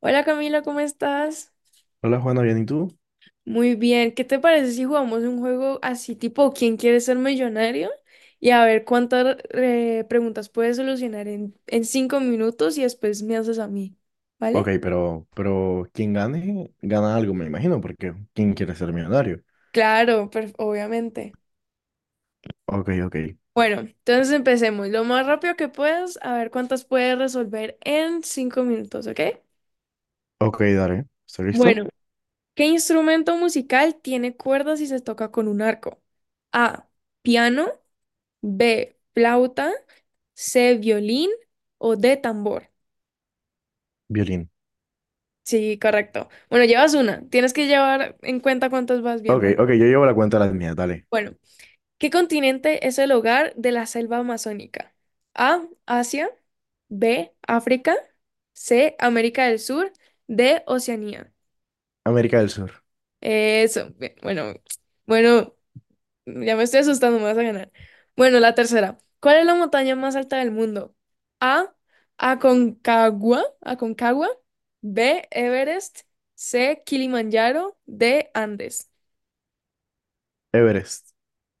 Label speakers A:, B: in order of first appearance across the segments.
A: Hola Camila, ¿cómo estás?
B: Hola Juana, ¿bien y tú?
A: Muy bien, ¿qué te parece si jugamos un juego así tipo ¿Quién quiere ser millonario? Y a ver cuántas preguntas puedes solucionar en 5 minutos y después me haces a mí,
B: Ok,
A: ¿vale?
B: pero quien gane, gana algo, me imagino, porque ¿quién quiere ser millonario?
A: Claro, obviamente.
B: Ok, ok.
A: Bueno, entonces empecemos lo más rápido que puedas, a ver cuántas puedes resolver en 5 minutos, ¿ok?
B: Ok, dale. ¿Estás listo?
A: Bueno, ¿qué instrumento musical tiene cuerdas y se toca con un arco? A, piano, B, flauta. C, violín o D, tambor.
B: Violín.
A: Sí, correcto. Bueno, llevas una. Tienes que llevar en cuenta cuántas vas bien.
B: Ok,
A: Bueno,
B: ok, yo llevo la cuenta de las mías, dale.
A: bueno, ¿qué continente es el hogar de la selva amazónica? A, Asia, B, África, C, América del Sur, D, Oceanía.
B: América del Sur,
A: Eso, bien, bueno, bueno, ya me estoy asustando, me vas a ganar. Bueno, la tercera. ¿Cuál es la montaña más alta del mundo? A. Aconcagua. Aconcagua. B. Everest. C. Kilimanjaro. D. Andes.
B: Everest,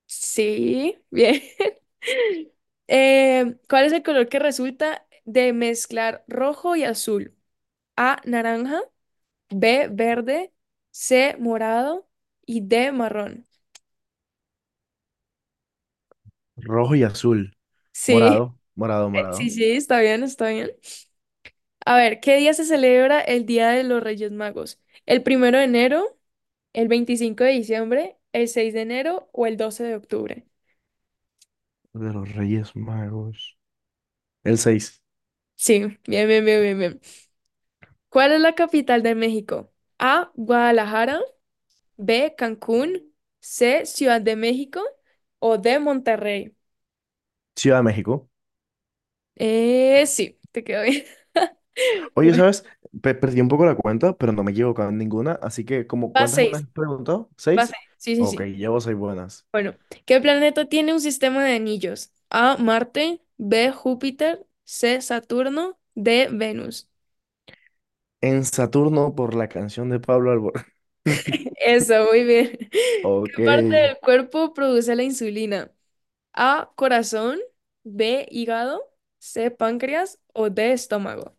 A: Sí, bien. ¿Cuál es el color que resulta de mezclar rojo y azul? A. Naranja. B. Verde. C. Morado. Y D. Marrón.
B: rojo y azul,
A: Sí,
B: morado, morado,
A: sí,
B: morado,
A: sí, está bien, está bien. A ver, ¿qué día se celebra el Día de los Reyes Magos? ¿El 1 de enero, el 25 de diciembre, el 6 de enero o el 12 de octubre?
B: de los Reyes Magos. El 6.
A: Sí, bien, bien, bien, bien, bien. ¿Cuál es la capital de México? A, Guadalajara, B, Cancún, C, Ciudad de México o D, Monterrey.
B: Ciudad de México.
A: Sí, te quedó bien.
B: Oye,
A: Bueno,
B: ¿sabes? Perdí un poco la cuenta, pero no me he equivocado en ninguna, así que como
A: va
B: ¿cuántas me
A: seis,
B: has preguntado?
A: va
B: ¿Seis?
A: seis. Sí, sí,
B: Ok,
A: sí.
B: llevo seis buenas.
A: Bueno, ¿qué planeta tiene un sistema de anillos? A, Marte, B, Júpiter, C, Saturno, D, Venus.
B: En Saturno por la canción de Pablo Alborán.
A: Eso, muy bien.
B: Ok.
A: ¿Qué parte del cuerpo produce la insulina? A, corazón, B, hígado, C, páncreas o D, estómago.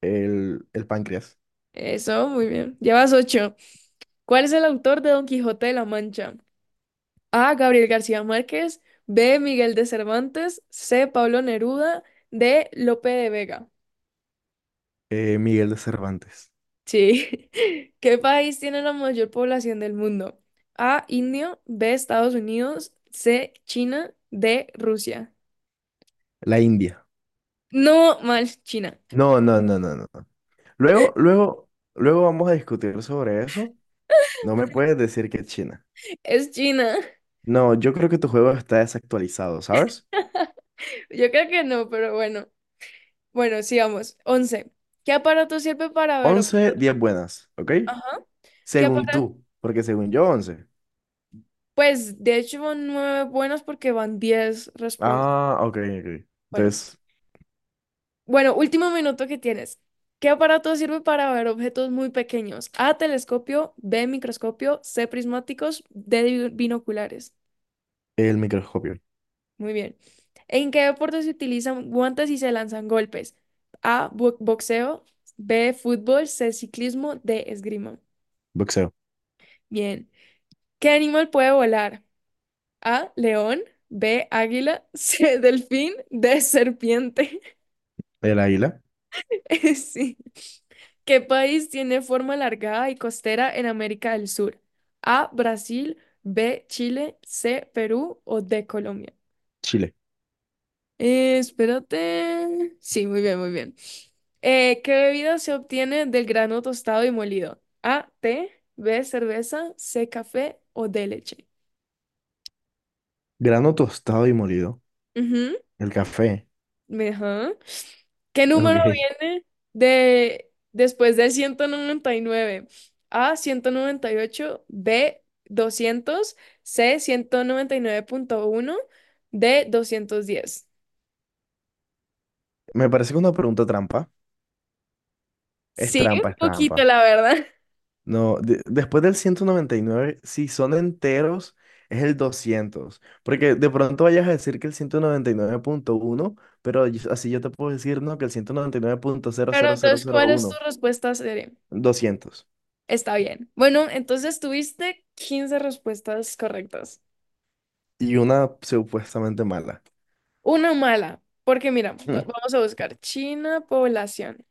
B: El páncreas.
A: Eso, muy bien. Llevas ocho. ¿Cuál es el autor de Don Quijote de la Mancha? A, Gabriel García Márquez, B, Miguel de Cervantes, C, Pablo Neruda, D, Lope de Vega.
B: Miguel de Cervantes.
A: Sí. ¿Qué país tiene la mayor población del mundo? A, India, B, Estados Unidos, C, China, D, Rusia.
B: La India.
A: No, mal, China.
B: No, no, no, no, no, no. Luego, luego, luego vamos a discutir sobre eso. No me puedes decir que China.
A: Es China.
B: No, yo creo que tu juego está desactualizado, ¿sabes?
A: Yo creo que no, pero bueno. Bueno, sigamos. 11. ¿Qué aparato sirve para ver
B: 11
A: objetos?
B: 10 buenas, ¿ok?
A: Ajá. ¿Qué
B: Según
A: aparato?
B: tú, porque según yo, 11.
A: Pues de hecho van nueve buenas porque van 10 respuestas.
B: Ah, ok, ok.
A: Bueno,
B: Entonces,
A: bueno, último minuto que tienes. ¿Qué aparato sirve para ver objetos muy pequeños? A, telescopio, B, microscopio, C, prismáticos, D, binoculares.
B: el microscopio,
A: Muy bien. ¿En qué deporte se utilizan guantes y se lanzan golpes? A, boxeo, B, fútbol, C, ciclismo, D, esgrima.
B: boxeo,
A: Bien. ¿Qué animal puede volar? A, león, B, águila, C, delfín, D, serpiente.
B: el águila,
A: Sí. ¿Qué país tiene forma alargada y costera en América del Sur? A, Brasil, B, Chile, C, Perú o D, Colombia.
B: Chile,
A: Espérate. Sí, muy bien, muy bien. ¿Qué bebida se obtiene del grano tostado y molido? A, té, B, cerveza, C, café o D, leche.
B: grano tostado y molido,
A: Ujú.
B: el café.
A: Ajá. ¿Qué número
B: Ok.
A: viene de después del 199? A, 198. B, 200. C, 199,1. D, 210.
B: Me parece que una pregunta trampa. Es
A: Sí,
B: trampa,
A: un
B: es
A: poquito,
B: trampa.
A: la verdad.
B: No, después del 199 si son enteros, es el 200, porque de pronto vayas a decir que el 199,1, pero así yo te puedo decir, no, que el ciento noventa Y nueve punto cero
A: Pero
B: cero cero
A: entonces,
B: cero
A: ¿cuál es tu
B: uno,
A: respuesta seria?
B: 200
A: Está bien. Bueno, entonces tuviste 15 respuestas correctas.
B: y una supuestamente mala.
A: Una mala, porque mira,
B: Mm.
A: vamos a buscar China, población.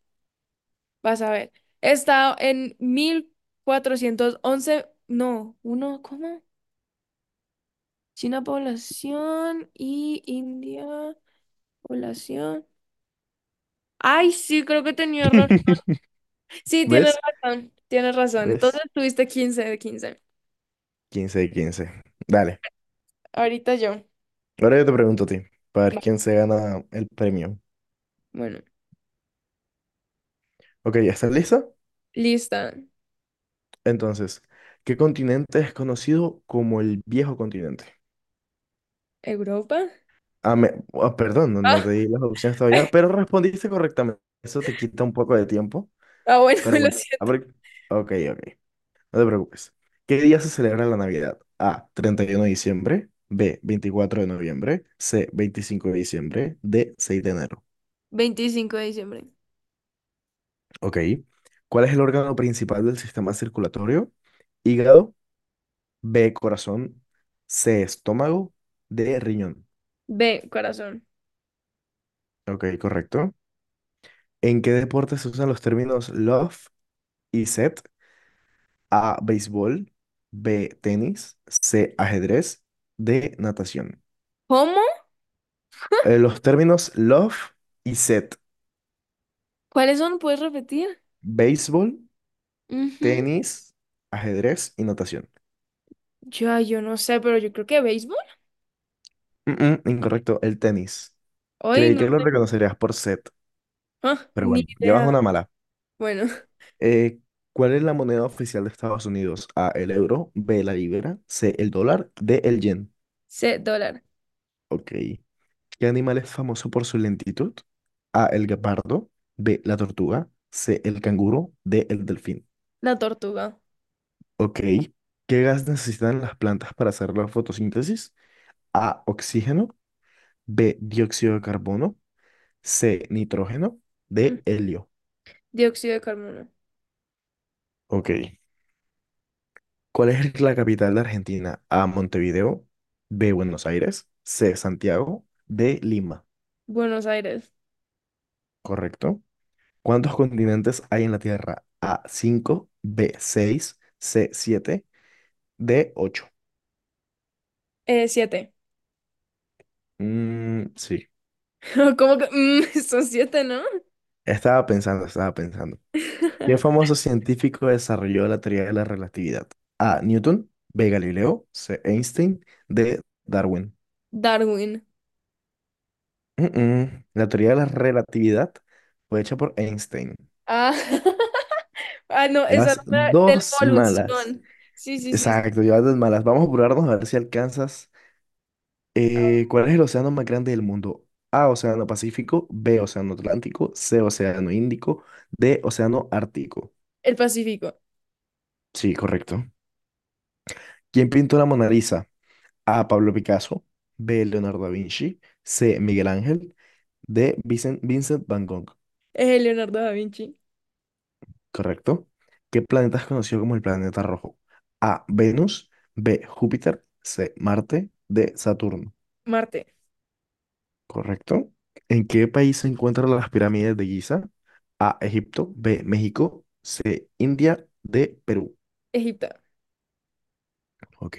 A: Vas a ver. Está en 1411. No, uno, ¿cómo? China población y India población. Ay, sí, creo que tenía error. Sí, tienes
B: ¿Ves?
A: razón, tienes razón. Entonces
B: ¿Ves?
A: tuviste 15 de 15.
B: 15 de 15. Dale.
A: Ahorita yo.
B: Ahora yo te pregunto a ti, para ver
A: Va.
B: quién se gana el premio.
A: Bueno,
B: Ok, ¿ya? ¿Estás lista?
A: lista.
B: Entonces, ¿qué continente es conocido como el viejo continente?
A: Europa.
B: Ah, ah, perdón, no, no te di las opciones todavía, pero respondiste correctamente. Eso te quita un poco de tiempo,
A: Ah, ah, bueno,
B: pero
A: lo
B: bueno. A
A: siento.
B: ver, ok, ok, no te preocupes. ¿Qué día se celebra la Navidad? A, 31 de diciembre, B, 24 de noviembre, C, 25 de diciembre, D, 6 de enero.
A: 25 de diciembre.
B: Ok. ¿Cuál es el órgano principal del sistema circulatorio? Hígado, B, corazón, C, estómago, D, riñón.
A: B, corazón.
B: Ok, correcto. ¿En qué deporte se usan los términos love y set? A, béisbol, B, tenis, C, ajedrez, D, natación.
A: ¿Cómo?
B: Los términos love y set,
A: ¿Cuáles son? ¿Puedes repetir?
B: béisbol,
A: Ujú.
B: tenis, ajedrez y natación.
A: Ya, yo no sé, pero yo creo que béisbol.
B: Mm, incorrecto, el tenis.
A: Hoy
B: Creí
A: no.
B: que lo reconocerías por set,
A: Ah,
B: pero
A: ni
B: bueno, llevas
A: idea.
B: una mala.
A: Bueno,
B: Eh, ¿cuál es la moneda oficial de Estados Unidos? A, el euro, B, la libra, C, el dólar, D, el yen.
A: C, dólar.
B: Ok. ¿Qué animal es famoso por su lentitud? A, el guepardo, B, la tortuga, C, el canguro, D, el delfín.
A: La tortuga.
B: Ok. ¿Qué gas necesitan las plantas para hacer la fotosíntesis? A, oxígeno, B, dióxido de carbono, C, nitrógeno,
A: Mm,
B: D, helio.
A: Dióxido de carbono.
B: Ok. ¿Cuál es la capital de Argentina? A, Montevideo, B, Buenos Aires, C, Santiago, D, Lima.
A: Buenos Aires.
B: Correcto. ¿Cuántos continentes hay en la Tierra? A, cinco. B, seis. C, siete. De 8.
A: Siete.
B: Sí.
A: ¿Cómo que? Son siete, ¿no?
B: Estaba pensando, estaba pensando. ¿Qué famoso científico desarrolló la teoría de la relatividad? A. Newton. B. Galileo. C. Einstein. D. Darwin.
A: Darwin.
B: Mm, mm. La teoría de la relatividad fue hecha por Einstein.
A: Ah, ah, no, esa
B: Llevas
A: era de la
B: dos malas.
A: evolución. Sí, sí, sí. Sí.
B: Exacto, llevas dos malas. Vamos a apurarnos a ver si alcanzas. ¿Cuál es el océano más grande del mundo? A. Océano Pacífico. B. Océano Atlántico. C. Océano Índico. D. Océano Ártico.
A: El Pacífico.
B: Sí, correcto. ¿Quién pintó la Mona Lisa? A. Pablo Picasso. B. Leonardo da Vinci. C. Miguel Ángel. D. Vincent Van Gogh.
A: Leonardo da Vinci.
B: ¿Correcto? ¿Qué planeta es conocido como el planeta rojo? A. Venus. B. Júpiter. C. Marte. D. Saturno.
A: Marte.
B: ¿Correcto? ¿En qué país se encuentran las pirámides de Giza? A. Egipto. B. México. C. India. D. Perú.
A: Egipto.
B: Ok.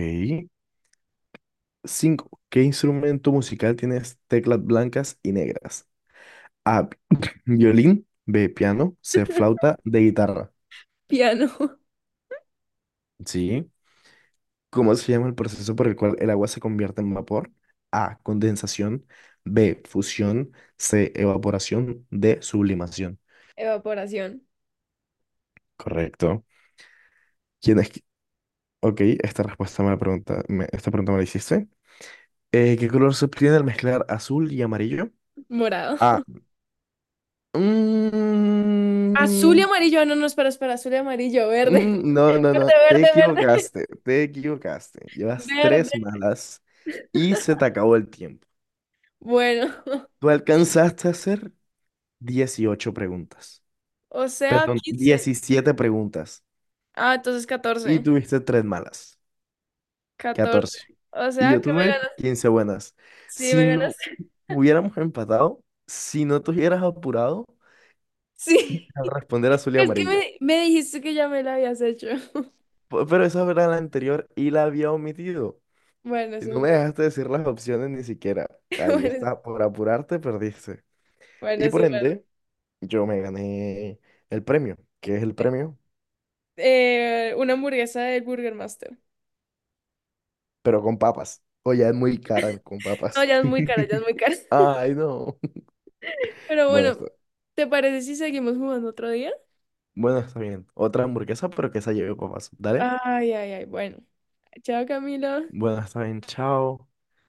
B: 5. ¿Qué instrumento musical tienes teclas blancas y negras? A. Violín. B. Piano. C. Flauta. D. Guitarra.
A: Piano.
B: Sí. ¿Cómo se llama el proceso por el cual el agua se convierte en vapor? A. Condensación. B. Fusión. C. Evaporación. D. Sublimación.
A: Evaporación.
B: Correcto. ¿Quién es? Ok, esta respuesta me la pregunta, esta pregunta me la hiciste. ¿Qué color se obtiene al mezclar azul y amarillo?
A: Morado.
B: A.
A: Azul y
B: Mm,
A: amarillo. Ah, no, no, espera, espera. Azul y amarillo. Verde.
B: No, no,
A: Verde,
B: no, te
A: verde, verde.
B: equivocaste, te equivocaste. Llevas
A: Verde.
B: tres malas y se te acabó el tiempo.
A: Bueno.
B: Tú alcanzaste a hacer 18 preguntas,
A: O sea,
B: perdón,
A: 15.
B: 17 preguntas
A: Ah, entonces
B: y
A: 14.
B: tuviste tres malas,
A: 14.
B: 14.
A: O
B: Y
A: sea,
B: yo
A: que me
B: tuve
A: ganaste.
B: 15 buenas.
A: Sí,
B: Si
A: me
B: no
A: ganaste.
B: hubiéramos empatado, si no te hubieras apurado
A: Sí.
B: a responder azul y
A: Es que
B: amarillo.
A: me dijiste que ya me la habías hecho.
B: Pero esa era la anterior y la había omitido.
A: Bueno,
B: Y
A: eso es
B: no me
A: verdad.
B: dejaste decir las opciones ni siquiera. Ahí
A: Bueno,
B: está, por apurarte perdiste.
A: bueno,
B: Y
A: eso
B: por
A: es verdad.
B: ende, yo me gané el premio, que es el premio,
A: Una hamburguesa del Burger Master.
B: pero con papas. O ya es muy cara con
A: No,
B: papas.
A: ya es muy cara, ya es muy cara.
B: Ay, no.
A: Pero
B: Bueno,
A: bueno,
B: está,
A: ¿te parece si seguimos jugando otro día?
B: bueno, está bien. Otra hamburguesa, pero que esa lleve papas. Dale.
A: Ay, ay, ay. Bueno. Chao, Camilo.
B: Bueno, está bien. Chao.